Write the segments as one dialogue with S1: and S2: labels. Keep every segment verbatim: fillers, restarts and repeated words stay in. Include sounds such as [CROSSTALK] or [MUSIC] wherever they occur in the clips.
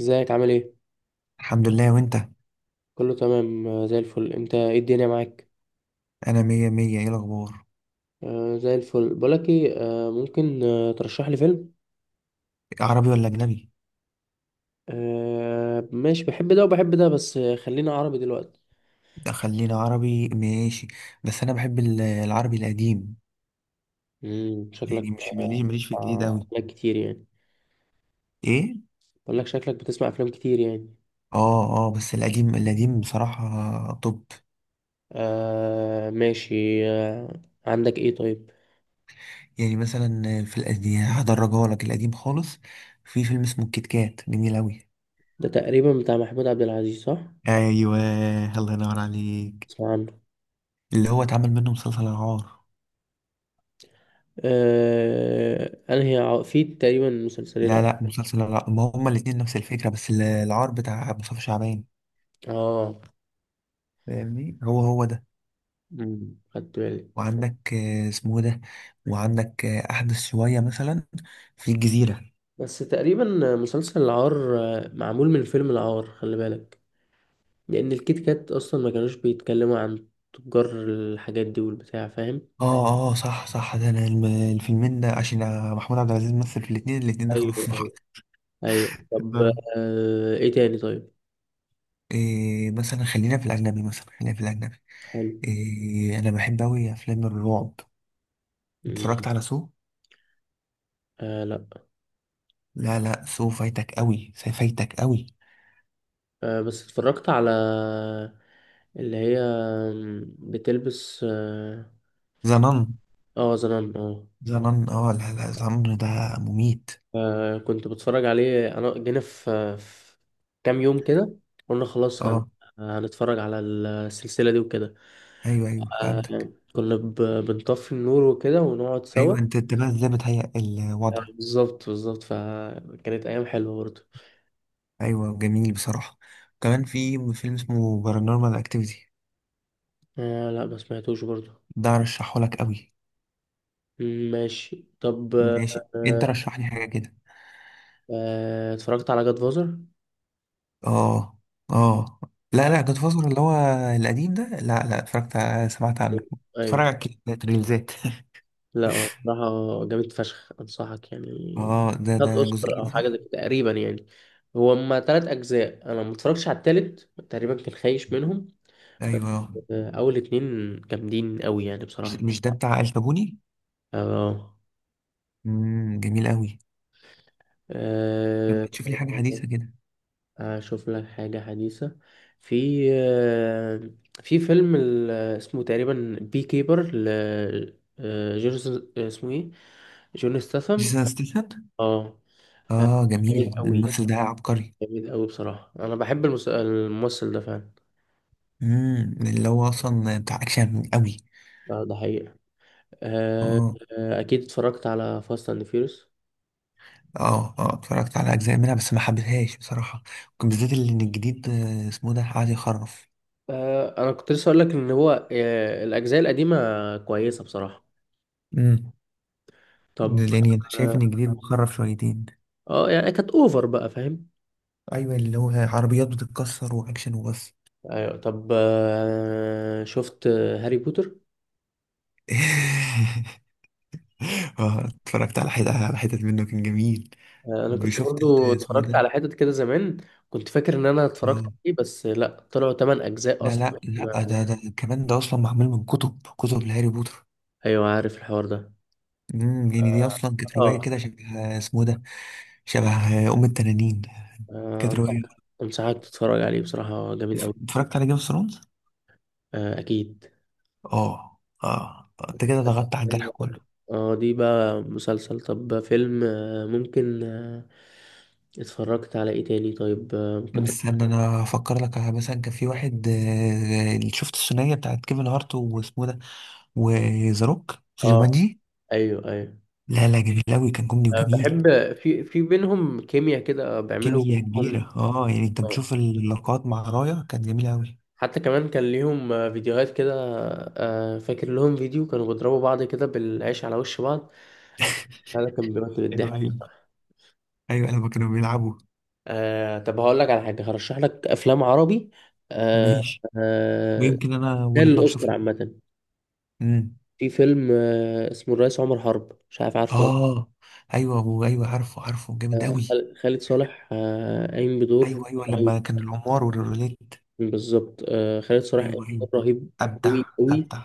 S1: ازيك؟ عامل ايه؟
S2: الحمد لله، وانت؟
S1: كله تمام آه، زي الفل. انت؟ ايه الدنيا معاك؟
S2: انا مية مية. ايه الاخبار؟
S1: آه، زي الفل. بقولك ايه؟ آه ممكن آه ترشح لي فيلم.
S2: عربي ولا اجنبي؟
S1: آه، ماشي، بحب ده وبحب ده، بس آه، خلينا عربي دلوقتي.
S2: ده خلينا عربي، ماشي. بس انا بحب ال- العربي القديم.
S1: امم شكلك
S2: يعني مش ماليش
S1: آه
S2: ماليش في الجديد
S1: آه،
S2: اوي.
S1: افلام كتير يعني.
S2: ايه؟
S1: بقولك شكلك بتسمع افلام كتير يعني.
S2: اه، اه، بس القديم القديم بصراحة. طب.
S1: آه، ماشي. آه، عندك ايه طيب؟
S2: يعني مثلا في القديم، هدرجها لك القديم خالص. في فيلم اسمه الكيت كات، جميل اوي.
S1: ده تقريبا بتاع محمود عبد العزيز، صح؟
S2: ايوه. الله ينور عليك.
S1: اسمع عنه.
S2: اللي هو اتعمل منه مسلسل العار.
S1: آه، انا هي في تقريبا مسلسلين أو-
S2: لا، لا، مسلسل العار. ما هما الاتنين نفس الفكرة، بس ال- العار بتاع مصطفى شعبان.
S1: اه.
S2: فاهمني؟ هو هو ده.
S1: مم، خدت بالي.
S2: وعندك آه، اسمه ده. وعندك آه، أحدث شوية، مثلا. في الجزيرة.
S1: بس تقريبا مسلسل العار آه، معمول من فيلم العار، خلي بالك. لأن الكيت كات أصلا ما كانوش بيتكلموا عن تجار الحاجات دي والبتاع، فاهم.
S2: اه، اه، صح، صح، ده أنا الم- الفيلمين ده عشان محمود عبد العزيز مثل في الاتنين. الاتنين
S1: أيوه،
S2: دخلوا في
S1: أيوه.
S2: محطة.
S1: أيوه، طب. آه إيه تاني طيب؟
S2: إيه؟ [LAUGHS] مثلا خلينا في الأجنبي مثلا خلينا في الأجنبي.
S1: حلو.
S2: إيه، أنا بحب أوي أفلام الرعب.
S1: مم.
S2: اتفرجت على سو؟
S1: آه، لأ.
S2: لا، لا، سو فايتك أوي، سو فايتك أوي.
S1: آه، بس اتفرجت على اللي هي بتلبس اه
S2: زنان.
S1: آه، زنان اه
S2: زنان، اه. لا، لا، زنان ده مميت.
S1: آه، كنت بتفرج عليه. أنا جينا في في كام يوم كده، قلنا خلاص هن...
S2: اه.
S1: هنتفرج على السلسلة دي وكده.
S2: أيوه، أيوه،
S1: آه،
S2: فهمتك.
S1: كنا ب- بنطفي النور وكده ونقعد سوا.
S2: أيوه. أنت أنت بقى إزاي بتهيأ
S1: آه،
S2: الوضع؟
S1: بالظبط بالظبط، فكانت أيام حلوة برضه.
S2: ايوه، جميل بصراحه. كمان في فيلم اسمه بارانورمال اكتيفيتي.
S1: آه، لا، ما سمعتوش برضه.
S2: ده رشحه لك قوي.
S1: مم، ماشي، طب آه
S2: ماشي، انت رشح لي حاجه كده.
S1: آه، اتفرجت على جاد فازر؟
S2: اه، اه. لا، لا، جاد فازر اللي هو القديم ده. لا، لا، اتفرجت ع- سمعت عنه. اتفرج
S1: أيوة.
S2: على الكليبات، ريلزات. [LAUGHS]
S1: لا، هو بصراحة جامد فشخ، أنصحك يعني.
S2: اه، ده
S1: خد
S2: ده
S1: أوسكار
S2: جزئين،
S1: أو حاجة
S2: صح؟
S1: زي كده تقريبا يعني. هو هما تلات أجزاء، أنا ما اتفرجتش على التالت تقريبا، كان خايش منهم. بس
S2: ايوه.
S1: آه أول اتنين جامدين أوي يعني
S2: مش
S1: بصراحة.
S2: مش ده بتاع الكابوني؟
S1: اه.
S2: امم جميل قوي.
S1: آه،
S2: لما تشوف لي حاجه حديثه كده.
S1: اشوف لك حاجة حديثة. في آه، في فيلم ال- اسمه تقريبا بي كيبر ل آه، جورج، اسمه ايه؟ جون ستاثام.
S2: جيسون ستيثم.
S1: اه. آه،
S2: اه،
S1: جامد
S2: جميل،
S1: قوي.
S2: الممثل ده عبقري.
S1: جامد قوي بصراحة، انا بحب المس- الممثل ده فعلا.
S2: امم اللي هو اصلا بتاع اكشن قوي.
S1: آه، ده حقيقة. آه.
S2: اه،
S1: آه، اكيد اتفرجت على فاست اند فيوريوس.
S2: اه. اه، اتفرجت على اجزاء منها بس ما حبيتهاش بصراحه. ممكن بالذات اللي ان الجديد، آه، اسمه ده، قاعد يخرف.
S1: انا كنت لسه اقول لك ان هو آه، الاجزاء القديمة كويسة بصراحة.
S2: امم.
S1: طب.
S2: لاني انا شايف
S1: اه.
S2: ان الجديد بيخرف شويتين.
S1: آه، يعني كانت اوفر بقى، فاهم.
S2: ايوه، اللي هو عربيات بتتكسر واكشن وبس.
S1: ايوه، طب آه، شفت هاري بوتر؟
S2: [LAUGHS] اه، اتفرجت على حتت على حتت منه، كان جميل.
S1: آه، انا كنت
S2: وشفت ال-
S1: برضو
S2: اسمه
S1: اتفرجت
S2: ده.
S1: على حتت كده زمان. كنت فاكر ان انا اتفرجت
S2: اه،
S1: عليه، بس لا، طلعوا تمانية اجزاء
S2: لا،
S1: اصلا.
S2: لا، لا، ده ده كمان، ده اصلا معمول من كتب كتب لهاري بوتر.
S1: ايوه، عارف الحوار ده.
S2: امم يعني دي اصلا كانت روايه
S1: اه،
S2: كده، شبه اسمه ده. شبه. آه، ام التنانين.
S1: آه،
S2: كانت
S1: انصحك.
S2: روايه.
S1: أنصحك تتفرج عليه بصراحة، جميل قوي.
S2: اتفرجت على جيم اوف ثرونز.
S1: آه، اكيد.
S2: اه، اه، آه، انت كده ضغطت على الجرح كله.
S1: اه، دي بقى مسلسل. طب فيلم آه، ممكن آه، اتفرجت على ايه تاني طيب؟ آه، ممكن تر-
S2: استنى انا افكر لك. على مثلا كان في واحد، آه، اللي شفت الثنائيه بتاعت كيفن هارت واسمه إيه ده. وذا روك في
S1: اه،
S2: جومانجي.
S1: ايوه ايوه.
S2: لا، لا، جميل قوي، كان كوميدي وجميل.
S1: بحب في في بينهم كيمياء كده
S2: بس
S1: بيعملوا.
S2: كيمياء
S1: هم.
S2: كبيره، اه، يعني انت بتشوف اللقاءات مع رايا، كانت جميله قوي.
S1: حتى كمان كان ليهم آه، فيديوهات كده. آه، فاكر لهم فيديو كانوا بيضربوا بعض كده بالعيش على وش بعض. هذا كان
S2: [LAUGHS]
S1: بيمثل
S2: ايوه،
S1: الضحك.
S2: ايوه، ايوه، لما كانوا بيلعبوا.
S1: آه، طب هقول لك على حاجة، هرشح لك أفلام عربي. آه.
S2: ماشي.
S1: آه.
S2: ويمكن انا
S1: تستاهل
S2: ونتناقشوا
S1: الأوسكار
S2: فيه.
S1: عامة.
S2: امم
S1: في فيلم آه اسمه الرئيس عمر حرب، مش عارف عارفه ولا.
S2: اه، ايوه، وايوه، عارفه، عارفه، جامد
S1: لأ.
S2: قوي.
S1: خال- خالد صالح آه قايم بدور
S2: ايوه، ايوه، لما
S1: رهيب.
S2: كان القمار والروليت.
S1: بالظبط، آه، خالد صالح قايم
S2: ايوه، ايوه.
S1: بدور رهيب.
S2: ابدع.
S1: أوي أوي.
S2: ابدع.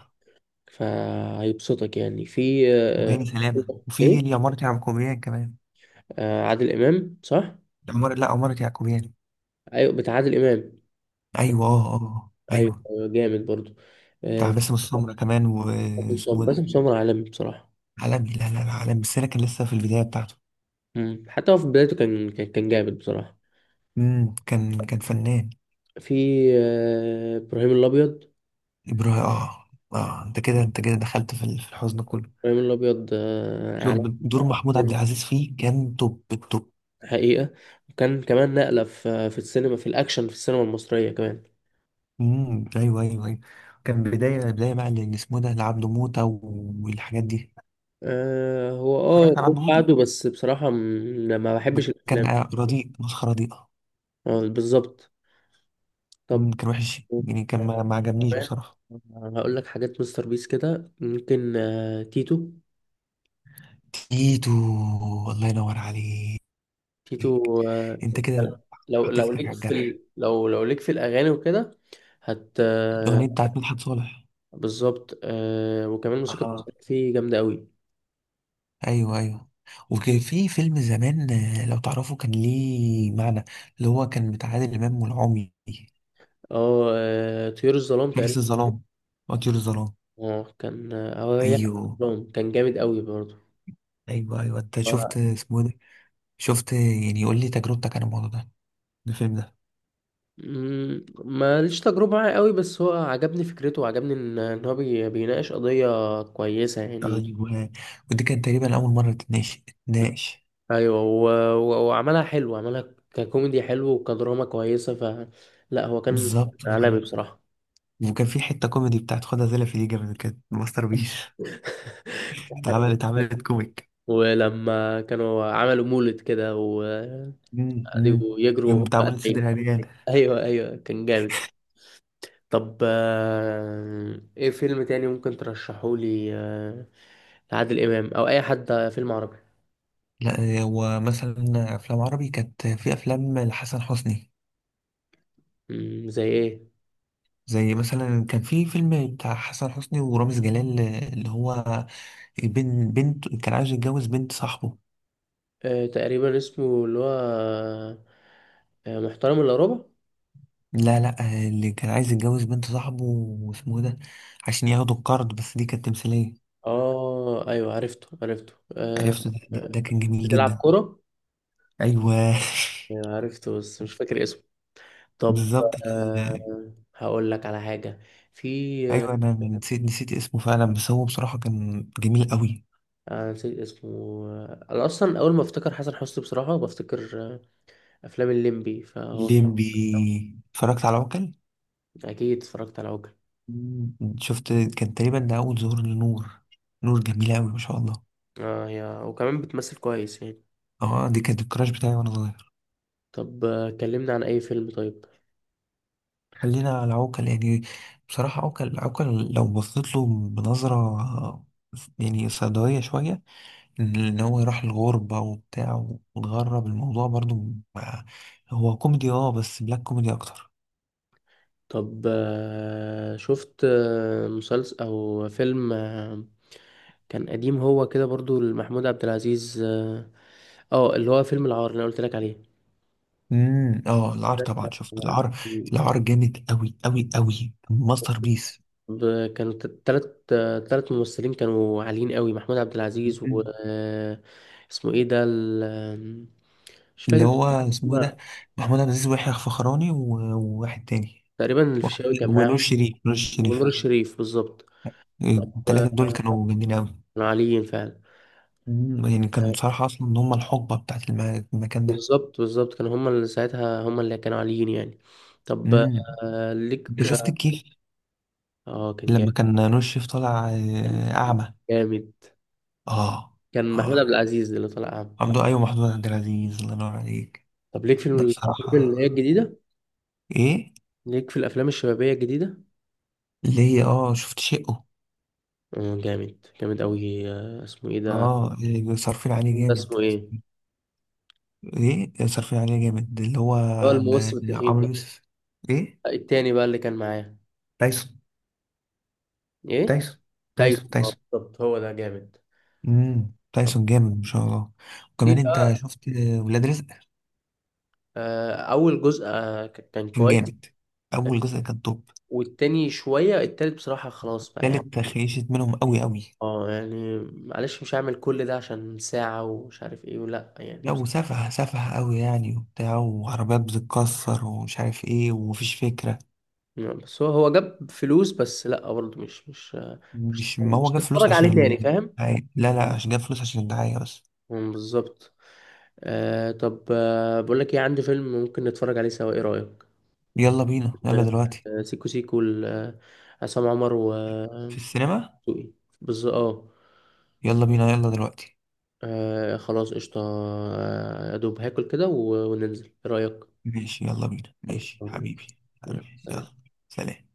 S1: فهيبسطك يعني في مم. آه،
S2: وهاني سلامه، وفي
S1: ايه.
S2: اليمارة يعقوبيان كمان.
S1: آه، عادل امام صح؟
S2: العمارة، لا، عمارة يعقوبيان.
S1: ايوه، بتاع عادل امام.
S2: ايوه، اه، اه،
S1: ايوه،
S2: ايوه.
S1: أيوة، جامد برضو.
S2: بتاع
S1: آه،
S2: باسم السمره كمان،
S1: باسم سمر،
S2: واسمه إيه ده.
S1: باسم سمر عالمي بصراحه.
S2: عالمي، لا، لا، لا، عالمي بس انا كان لسه في البدايه بتاعته.
S1: مم. حتى هو في بدايته كان كان كان جامد بصراحه.
S2: امم كان كان فنان.
S1: في آه، ابراهيم الابيض.
S2: ابراهيم، اه. اه، انت كده انت كده دخلت في ال- في الحزن كله.
S1: ابراهيم الابيض آه،
S2: شوف،
S1: عالمي.
S2: دور محمود عبد
S1: بجد،
S2: العزيز فيه كان توب التوب.
S1: حقيقه. وكان كمان نقله في في السينما، في الاكشن في السينما المصريه كمان.
S2: امم ايوه، ايوه، ايوه. كان بدايه بدايه بقى اللي اسمه ده لعبد موته. والحاجات دي.
S1: آه، هو اه
S2: اتفرجت على
S1: جم
S2: عبد موته.
S1: بعده، بس بصراحه م- ما
S2: ب-
S1: بحبش
S2: كان
S1: الافلام.
S2: رديء، مسخره، رديئه.
S1: آه، بالظبط. طب.
S2: امم كان وحش يعني، كان ما, ما عجبنيش
S1: فاهم.
S2: بصراحه.
S1: هقول لك حاجات مستر بيس كده، ممكن آه، تيتو.
S2: تيتو. الله ينور عليك.
S1: تيتو. آه،
S2: انت كده
S1: لو
S2: حطيت
S1: لو
S2: ايدك على
S1: ليك في
S2: الجرح.
S1: ال... لو لو ليك في الاغاني وكده. هت آه،
S2: الاغنيه بتاعت مدحت صالح.
S1: بالظبط. آه، وكمان الموسيقى
S2: اه.
S1: بتاعته فيه جامده قوي.
S2: ايوه، ايوه. وكان في فيلم زمان، آه، لو تعرفه كان ليه معنى. اللي هو كان بتاع عادل امام والعمي.
S1: اه. آه، طيور الظلام تقريبا.
S2: حارس الظلام. وطيور الظلام.
S1: اه، كان اه هي
S2: ايوه.
S1: الظلام كان جامد قوي برضه.
S2: ايوه، ايوه، انت شفت
S1: آه.
S2: اسمه إيه ده؟ شفت؟ يعني قول لي تجربتك عن الموضوع ده. الفيلم ده.
S1: مم، ماليش تجربه معاه قوي، بس هو عجبني فكرته، وعجبني ان إن هو بي... بيناقش قضيه كويسه يعني.
S2: ايوه. ودي كانت تقريبا اول مره تتناقش تتناقش.
S1: ايوه، و- و- وعملها حلو، عملها ككوميدي حلو وكدراما كويسه ف لا، هو كان
S2: بالظبط،
S1: عالمي
S2: بالظبط.
S1: بصراحه.
S2: وكان في حته كوميدي بتاعت خدها زي في دي، من كانت ماستر بيس. [LAUGHS]
S1: [LAUGHS]
S2: اتعملت اتعملت كوميك.
S1: ولما كانوا عملوا مولد كده وقعدوا
S2: امم.
S1: يجروا
S2: امم
S1: وهم
S2: بتعمل
S1: قاعدين.
S2: صدر عريان.
S1: ايوه، ايوه، كان جامد. طب آه، ايه فيلم تاني ممكن ترشحه لي آه، لعادل امام او اي حد، فيلم عربي.
S2: لا، هو مثلا افلام عربي كانت في افلام لحسن حسني.
S1: مم، زي ايه؟
S2: زي مثلا كان في فيلم بتاع حسن حسني ورامز جلال، اللي هو بين بنت كان عايز يتجوز بنت صاحبه.
S1: آه، تقريبا اسمه اللي هو آه، آه، محترم الا ربع.
S2: لا، لا، اللي كان عايز يتجوز بنت صاحبه واسمه إيه ده، عشان ياخدوا القرض، بس دي كانت تمثيلية.
S1: اه، ايوه، عرفته عرفته آه.
S2: عرفته. ده, ده,
S1: آه،
S2: ده كان جميل
S1: بتلعب
S2: جدا.
S1: كرة.
S2: ايوه.
S1: أيوة، عرفته بس مش فاكر اسمه.
S2: [LAUGHS]
S1: طب
S2: بالظبط.
S1: آه هقول لك على حاجة. في آه
S2: ايوه، انا أنا نسيت نسيت اسمه فعلا، بس هو بصراحة كان جميل قوي.
S1: أنا نسيت اسمه. آه، انا اصلا اول ما افتكر حسن حسني بصراحة بفتكر آه افلام الليمبي فهو.
S2: ليمبي. اتفرجت على عوكل.
S1: اكيد اتفرجت على عوكل.
S2: مم. شفت؟ كان تقريبا ده اول ظهور لنور. نور جميلة قوي، ما شاء الله.
S1: اه، هي وكمان بتمثل كويس يعني.
S2: اه، دي كانت الكراش بتاعي وانا صغير.
S1: طب آه، كلمنا عن اي فيلم طيب.
S2: خلينا على عوكل يعني. بصراحة عوكل، عوكل لو بصيت له بنظرة، يعني سوداوية شوية، إن إن هو يروح الغربة وبتاع، وتغرب الموضوع برضو. مع- هو كوميدي، اه، بس بلاك كوميدي أكتر.
S1: طب آه شفت آه مسلسل او فيلم آه، كان قديم، هو كده برضو لمحمود عبد العزيز اه. آه، اللي هو فيلم العار اللي أنا قلت لك عليه.
S2: امم اه، العار طبعا، شفت
S1: آه،
S2: العار. العار جامد أوي أوي أوي، ماستر بيس.
S1: ب- كان ت- تلت آه، تلت ممثلين كانوا عاليين قوي، محمود عبد العزيز و...
S2: مم.
S1: آه، اسمه ايه ده ال- آم، مش
S2: اللي
S1: فاكر
S2: هو اسمه إيه
S1: اسمه.
S2: ده. محمود عبد العزيز ويحيى الفخراني و- وواحد تاني.
S1: تقريبا
S2: وخ-
S1: الفيشاوي كان معاهم.
S2: ونور شريف، نور شريف.
S1: ونور الشريف، بالظبط. طب
S2: التلاتة
S1: آه،
S2: دول كانوا جامدين أوي.
S1: كانوا عاليين فعلا.
S2: مم، يعني كان
S1: آه،
S2: بصراحة أصلا إن هما الحقبة بتاعت الم- المكان ده.
S1: بالظبط بالظبط، كانوا هما اللي ساعتها، هما اللي كانوا عاليين يعني. طب
S2: مم.
S1: آه، ليك.
S2: أنت شفت الكيف؟
S1: اه، كان جامد.
S2: لما كان نور الشريف طالع،
S1: كان
S2: آه، أعمى.
S1: جامد.
S2: آه.
S1: كان محمود
S2: آه.
S1: عبد العزيز اللي طلع أعمى.
S2: عبده، أيوة، محمود عبد العزيز، الله ينور عليك.
S1: طب ليك في
S2: ده
S1: الأفلام
S2: بصراحة.
S1: اللي هي الجديدة؟
S2: إيه؟
S1: ليك في الأفلام الشبابية الجديدة؟
S2: ليه؟ آه شفت شقه.
S1: آه، جامد جامد أوي. آه، اسمه إيه ده؟
S2: آه إيه، صارفين عليه
S1: ده
S2: جامد.
S1: اسمه إيه؟
S2: إيه، صارفين عليه جامد، اللي هو
S1: هو الممثل
S2: ما-
S1: التخين
S2: عمرو
S1: ده.
S2: يوسف. إيه.
S1: آه، التاني بقى اللي كان معاه.
S2: تايسون.
S1: إيه؟
S2: تايسون. تايسون،
S1: تايسون. آه،
S2: تايسون.
S1: بالظبط، هو ده جامد.
S2: مم.
S1: طب
S2: تايسون جامد، ما شاء الله.
S1: في
S2: وكمان أنت
S1: بقى.
S2: شفت آه، ولاد رزق.
S1: آه، أول جزء آه، ك- كان
S2: كان
S1: كويس.
S2: جامد.
S1: آه،
S2: اول جزء كان توب.
S1: والتاني شوية، التالت بصراحة خلاص بقى يعني.
S2: تالت خيشت منهم قوي قوي.
S1: اه، يعني معلش، مش هعمل كل ده عشان ساعة ومش عارف ايه ولا
S2: لا،
S1: يعني.
S2: وسفه سفه قوي يعني، وبتاع، وعربيات بتتكسر، ومش عارف ايه، ومفيش فكره.
S1: نعم، بس هو هو جاب فلوس، بس لا برضه مش مش مش
S2: مش، ما
S1: مش
S2: هو جاب فلوس
S1: تتفرج عليه
S2: عشان
S1: تاني، فاهم.
S2: الدعايه. لا، لا، عشان جاب فلوس عشان الدعايه بس.
S1: مم، بالظبط. آه، طب آه بقول لك ايه، عندي فيلم ممكن نتفرج عليه سوا، ايه رأيك؟
S2: يلا بينا، يلا دلوقتي.
S1: آه، سيكو سيكو ل- آه، عصام عمر و
S2: في السينما.
S1: دسوقي. بالظبط، اه.
S2: يلا بينا، يلا دلوقتي.
S1: آه، خلاص، قشطة. آه، يا دوب هاكل كده و- وننزل، ايه رأيك؟
S2: ماشي، يلا بينا،
S1: خلاص،
S2: ماشي
S1: تمام،
S2: حبيبي.
S1: ماشي. يلا،
S2: حبيبي،
S1: سلام.
S2: يلا. سلام.